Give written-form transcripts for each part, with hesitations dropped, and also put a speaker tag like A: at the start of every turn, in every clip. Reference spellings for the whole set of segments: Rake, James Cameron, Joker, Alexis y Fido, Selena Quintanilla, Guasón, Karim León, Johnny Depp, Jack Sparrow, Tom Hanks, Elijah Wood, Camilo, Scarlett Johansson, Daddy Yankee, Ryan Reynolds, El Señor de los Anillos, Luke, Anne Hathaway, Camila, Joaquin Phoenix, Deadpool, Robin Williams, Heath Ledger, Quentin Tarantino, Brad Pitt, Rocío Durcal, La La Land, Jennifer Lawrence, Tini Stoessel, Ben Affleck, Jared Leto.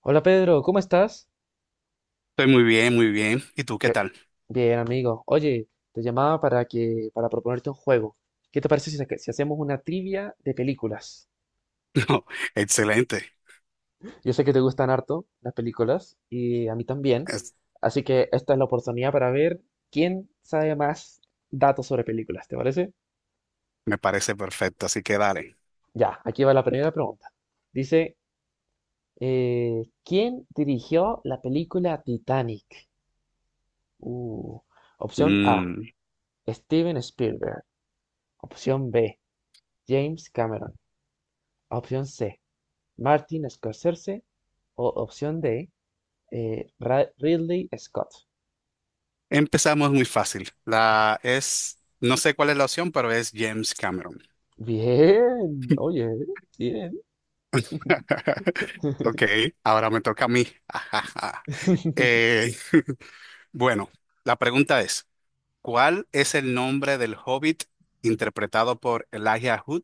A: Hola Pedro, ¿cómo estás?
B: Estoy muy bien, muy bien. ¿Y tú qué
A: ¿Qué?
B: tal?
A: Bien, amigo. Oye, te llamaba para proponerte un juego. ¿Qué te parece si, si hacemos una trivia de películas?
B: No, excelente.
A: Yo sé que te gustan harto las películas y a mí también,
B: Es-
A: así que esta es la oportunidad para ver quién sabe más datos sobre películas, ¿te parece?
B: me parece perfecto, así que dale.
A: Ya, aquí va la primera pregunta. Dice, ¿quién dirigió la película Titanic? Uh, opción A,
B: Mm,
A: Steven Spielberg. Opción B, James Cameron. Opción C, Martin Scorsese. O opción D, eh, Ridley Scott.
B: Empezamos muy fácil. La es, no sé cuál es la opción, pero es James Cameron.
A: Bien, oye, bien.
B: Ok, ahora me toca a mí. Eh, bueno, la pregunta es, ¿cuál es el nombre del Hobbit interpretado por Elijah Wood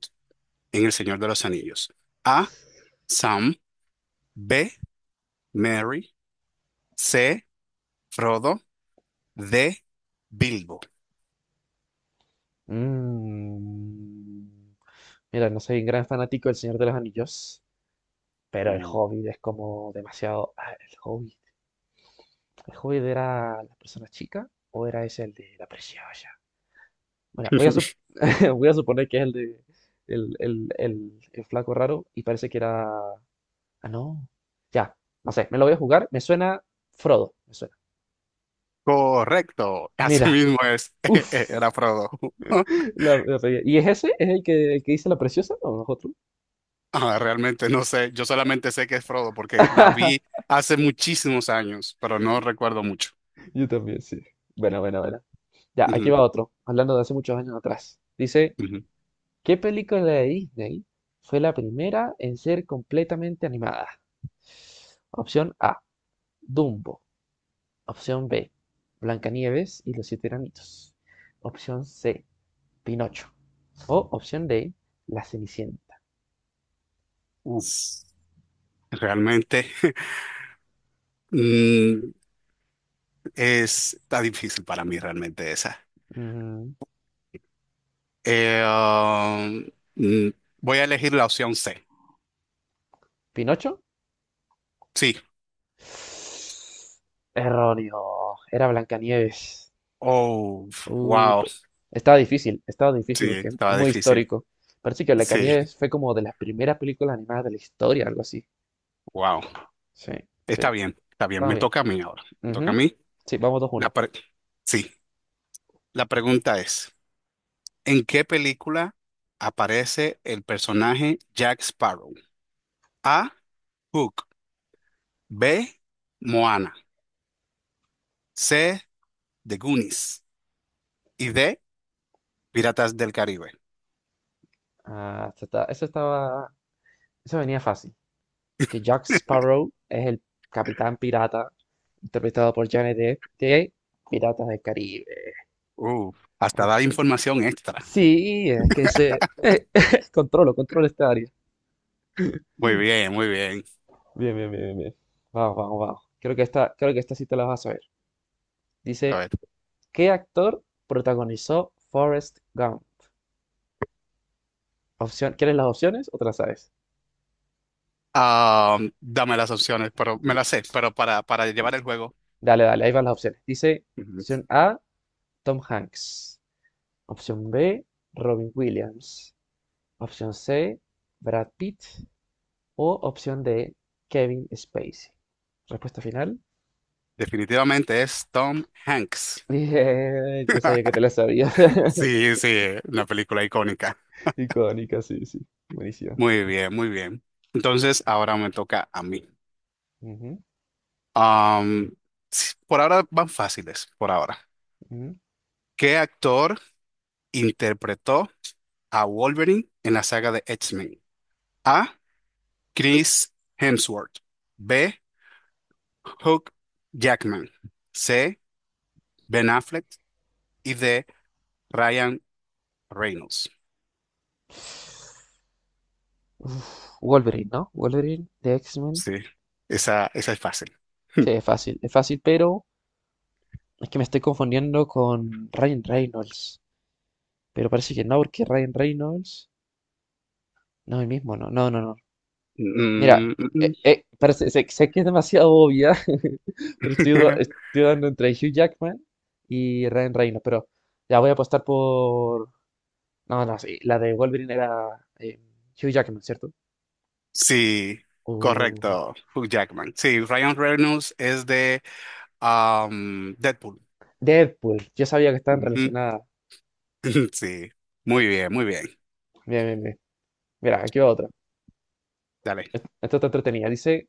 B: en El Señor de los Anillos? A, Sam. B, Mary. C, Frodo. De Bilbo.
A: Mm, mira, no soy un gran fanático del Señor de los Anillos, pero el
B: Uh.
A: Hobbit es como demasiado... ah, el Hobbit. ¿El Hobbit era la persona chica o era ese el de la preciosa? Bueno, voy a suponer que es el de el flaco raro y parece que era... Ah, no. Ya, no sé, me lo voy a jugar. Me suena Frodo, me suena.
B: Correcto, así
A: Mira,
B: mismo es,
A: uff.
B: era Frodo.
A: La pegué. ¿Y es ese? ¿Es el que dice la preciosa? ¿O nosotros?
B: Ah, realmente no sé, yo solamente sé que es Frodo porque la vi hace muchísimos años, pero no recuerdo mucho.
A: Yo también, sí. Bueno, bueno, bueno. Ya, aquí
B: Ujú,
A: va otro, hablando de hace muchos años atrás. Dice,
B: ujú.
A: ¿qué película de Disney fue la primera en ser completamente animada? Opción A, Dumbo. Opción B, Blancanieves y los siete enanitos. Opción C, Pinocho. O opción D, La Cenicienta.
B: Uf, realmente mm, está difícil para mí realmente esa.
A: Mm,
B: Eh, um, mm, voy a elegir la opción C.
A: ¿Pinocho?
B: Sí.
A: Erróneo. Era Blancanieves.
B: Oh,
A: Uh,
B: wow.
A: pe- estaba difícil
B: Sí,
A: porque es
B: estaba
A: muy
B: difícil.
A: histórico. Parece que
B: Sí,
A: Blancanieves fue como de las primeras películas animadas de la historia, algo así.
B: wow.
A: Sí, sí.
B: Está bien,
A: Estaba
B: me
A: bien.
B: toca a mí ahora. Me toca a
A: Ujú.
B: mí.
A: Sí, vamos dos
B: La
A: uno.
B: pre- sí, la pregunta es, ¿en qué película aparece el personaje Jack Sparrow? A, Hook. B, Moana. C, The Goonies. Y D, Piratas del Caribe.
A: Ah, esta estaba. Eso venía fácil. Que Jack Sparrow es el capitán pirata, interpretado por Johnny Depp, de Piratas del Caribe.
B: Uh, hasta
A: Ok.
B: da información extra.
A: Sí, es que se... controlo, controlo esta área.
B: Muy bien, muy bien.
A: Bien, bien, bien, bien, bien. Vamos, vamos, vamos. Creo que esta sí te la vas a saber.
B: A
A: Dice,
B: ver,
A: ¿qué actor protagonizó Forrest Gump? Opción, ¿quieres las opciones o te las sabes?
B: ah, dame las opciones, pero me
A: Ya.
B: las sé, pero para llevar el juego,
A: Dale, dale, ahí van las opciones. Dice,
B: ujú,
A: opción A, Tom Hanks. Opción B, Robin Williams. Opción C, Brad Pitt. O opción D, Kevin Spacey. Respuesta final.
B: definitivamente es Tom Hanks.
A: Bien, yo sabía que te la sabías.
B: Sí, sí, la película icónica.
A: Icónica, sí, sí. Buenísima.
B: Muy bien, muy bien. Entonces, ahora me toca a mí.
A: Ujú,
B: Am, sí, por ahora van fáciles, por ahora.
A: ujú.
B: ¿Qué actor interpretó a Wolverine en la saga de X-Men? A. Chris Hemsworth. B. Hugh Jackman. C. Ben Affleck. Y D. Ryan Reynolds.
A: Uf, Wolverine, ¿no? Wolverine de X-Men.
B: Sí, esa es fácil.
A: Sí, es fácil, pero es que me estoy confundiendo con Ryan Reynolds. Pero parece que no, porque Ryan Reynolds no el mismo, no, no, no, no. Mira,
B: Mm, mm,
A: parece, sé que es demasiado obvia, pero
B: mm.
A: estoy dando entre Hugh Jackman y Ryan Reynolds, pero ya voy a apostar por... No, no, sí, la de Wolverine era Hugh Jackman, ¿cierto?
B: Sí, correcto, Hugh Jackman. Sí, Ryan Reynolds es de Deadpool.
A: Deadpool, yo sabía que estaban
B: Ujú.
A: relacionadas.
B: Sí, muy bien, muy bien.
A: Bien, bien, bien. Mira, aquí va otra.
B: Dale.
A: Esta está entretenida. Dice,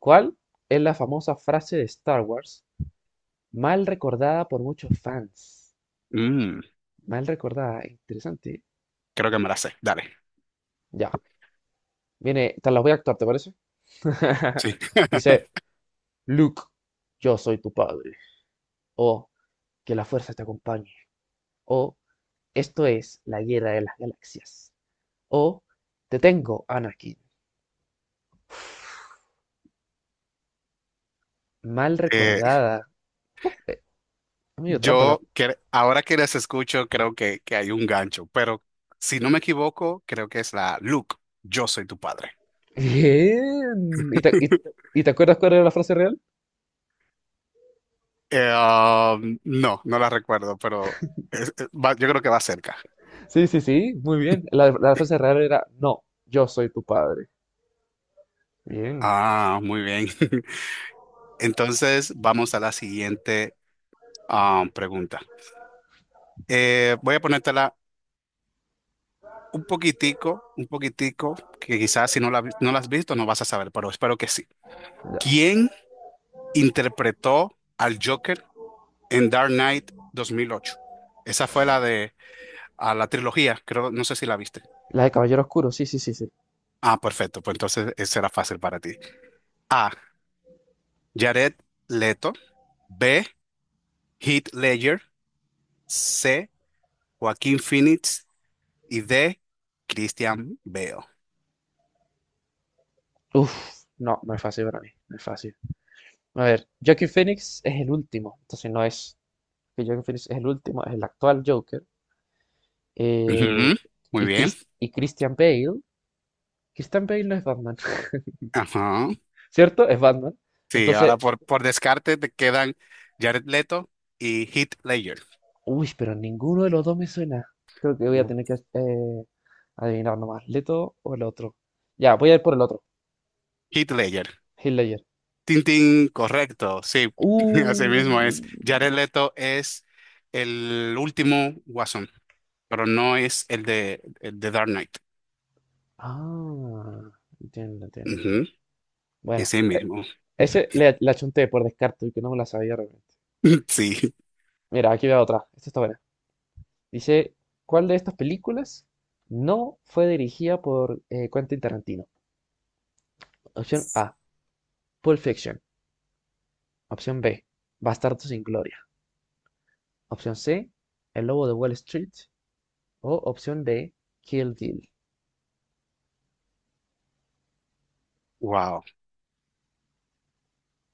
A: ¿cuál es la famosa frase de Star Wars mal recordada por muchos fans?
B: Mm,
A: Mal recordada, interesante.
B: Creo que me la sé. Dale.
A: Ya, viene, te las voy a actuar, ¿te parece?
B: Sí.
A: Dice, Luke, yo soy tu padre. O, que la fuerza te acompañe. O, esto es la guerra de las galaxias. O, te tengo, Anakin. Mal
B: Eh,
A: recordada. Uf, eh, medio trampa la...
B: ahora que las escucho, creo que, hay un gancho, pero si no me equivoco, creo que es la Luke, yo soy tu padre.
A: Bien. ¿Y y te acuerdas cuál era la frase real?
B: Am, no, no la recuerdo, pero yo creo que va cerca.
A: Sí, sí, sí, muy bien. La frase real era, no, yo soy tu padre. Bien.
B: Ah, muy bien. Entonces, vamos a la siguiente pregunta. Voy a ponértela un poquitico, que quizás si no no la has visto no vas a saber, pero espero que sí.
A: Ya.
B: ¿Quién interpretó al Joker en Dark Knight 2008? Esa fue la de a la trilogía, creo, no sé si la viste.
A: La de Caballero Oscuro, sí, sí, sí, sí.
B: Ah, perfecto, pues entonces esa era fácil para ti. A. Jared Leto. B. Heath Ledger. C. Joaquín Phoenix. Y D. Christian Bale.
A: Uf, no, no es fácil para mí, no es fácil. A ver, Joaquin Phoenix es el último, entonces no es... que Joaquin Phoenix es el último, es el actual Joker. Eh,
B: Ujú. Muy
A: y,
B: bien.
A: Y Christian Bale, Christian Bale no es Batman,
B: Ajá.
A: ¿cierto? Es Batman.
B: Sí, ahora
A: Entonces,
B: por descarte te quedan Jared Leto y Heath Ledger.
A: uy, pero ninguno de los dos me suena. Creo que voy a
B: Mm.
A: tener que adivinar nomás. ¿Leto o el otro? Ya, voy a ir por el otro.
B: Heath Ledger.
A: Hitler.
B: Tintín, correcto. Sí, así mismo es.
A: Uh.
B: Jared Leto es el último Guasón, pero no es el de Dark Knight.
A: Ah, entiendo, entiendo, entiendo.
B: Ujú.
A: Bueno,
B: Ese mismo.
A: ese le, la chunté por descarte, y que no me la sabía realmente.
B: Sí.
A: Mira, aquí veo otra. Esta está buena. Dice, ¿cuál de estas películas no fue dirigida por Quentin Tarantino? Opción A, Pulp Fiction. Opción B, Bastardos sin Gloria. Opción C, El Lobo de Wall Street. O opción D, Kill Bill.
B: Wow.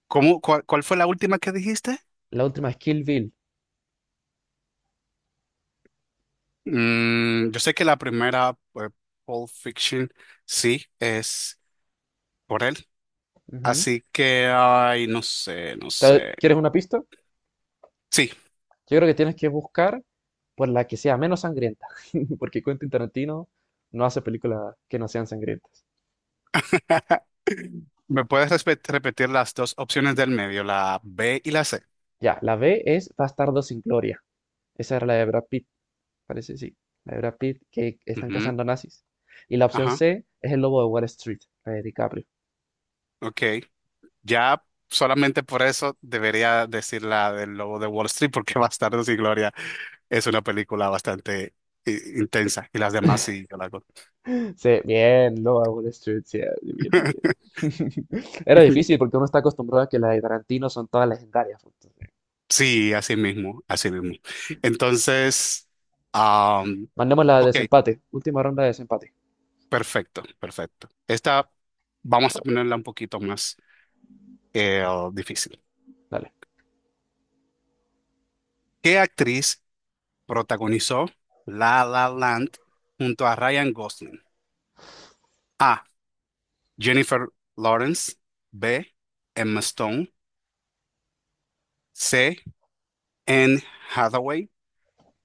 B: ¿Cuál fue la última que dijiste?
A: La última es Kill Bill.
B: Yo sé que la primera, pues, Pulp Fiction, sí, es por él.
A: Ujú.
B: Así que, ay, no sé, no sé.
A: Quieres una pista?
B: Sí.
A: Yo creo que tienes que buscar por la que sea menos sangrienta, porque Quentin Tarantino no hace películas que no sean sangrientas.
B: ¿Me puedes repetir las dos opciones del medio, la B y la C?
A: Ya, la B es Bastardo sin Gloria. Esa era la de Brad Pitt, parece, sí. La de Brad Pitt que están
B: Ujú.
A: cazando nazis. Y la opción
B: Ajá,
A: C es El Lobo de Wall Street, la de DiCaprio.
B: ok. Ya solamente por eso debería decir la del Lobo de Wall Street, porque Bastardos y Gloria es una película bastante intensa y las demás sí, yo la hago.
A: Sí, bien, Lobo de Wall Street, sí, bien, bien, bien. Bien. Era difícil porque uno está acostumbrado a que las de Tarantino son todas legendarias, pues.
B: Sí, así mismo, así mismo. Entonces, am,
A: Mandemos la de
B: ok.
A: desempate. Última ronda de desempate.
B: Perfecto, perfecto. Esta vamos a ponerla un poquito más eh, difícil.
A: Dale.
B: ¿Qué actriz protagonizó La La Land junto a Ryan Gosling? A. Jennifer Lawrence. B. Emma Stone. C. Anne Hathaway.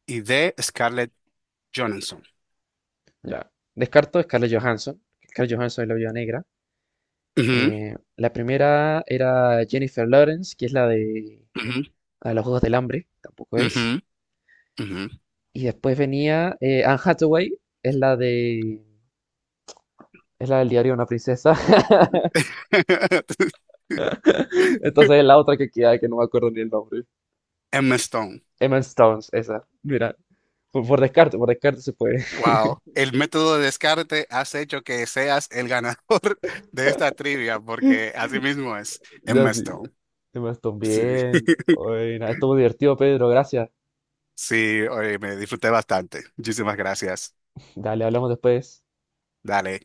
B: Y D. Scarlett Johansson.
A: Ya. Descarto Scarlett Johansson. Scarlett Johansson es la viuda negra.
B: Ujú,
A: La primera era Jennifer Lawrence, que es
B: ujú,
A: la de los Juegos del Hambre. Tampoco
B: ujú,
A: es.
B: ujú.
A: Y después venía Anne Hathaway, es la de... Es la del diario de una princesa. Entonces es la otra que queda, que no me acuerdo ni el nombre.
B: Emma Stone.
A: Emma Stone esa. Mira, por descarte se puede.
B: Wow, el método de descarte has hecho que seas el ganador de esta trivia, porque así mismo es
A: Ya
B: Emma
A: sí.
B: Stone.
A: Emma Stone,
B: Sí,
A: bien. Buena. Estuvo divertido, Pedro, gracias.
B: sí, oye, me disfruté bastante. Muchísimas gracias.
A: Dale, hablamos después.
B: Dale.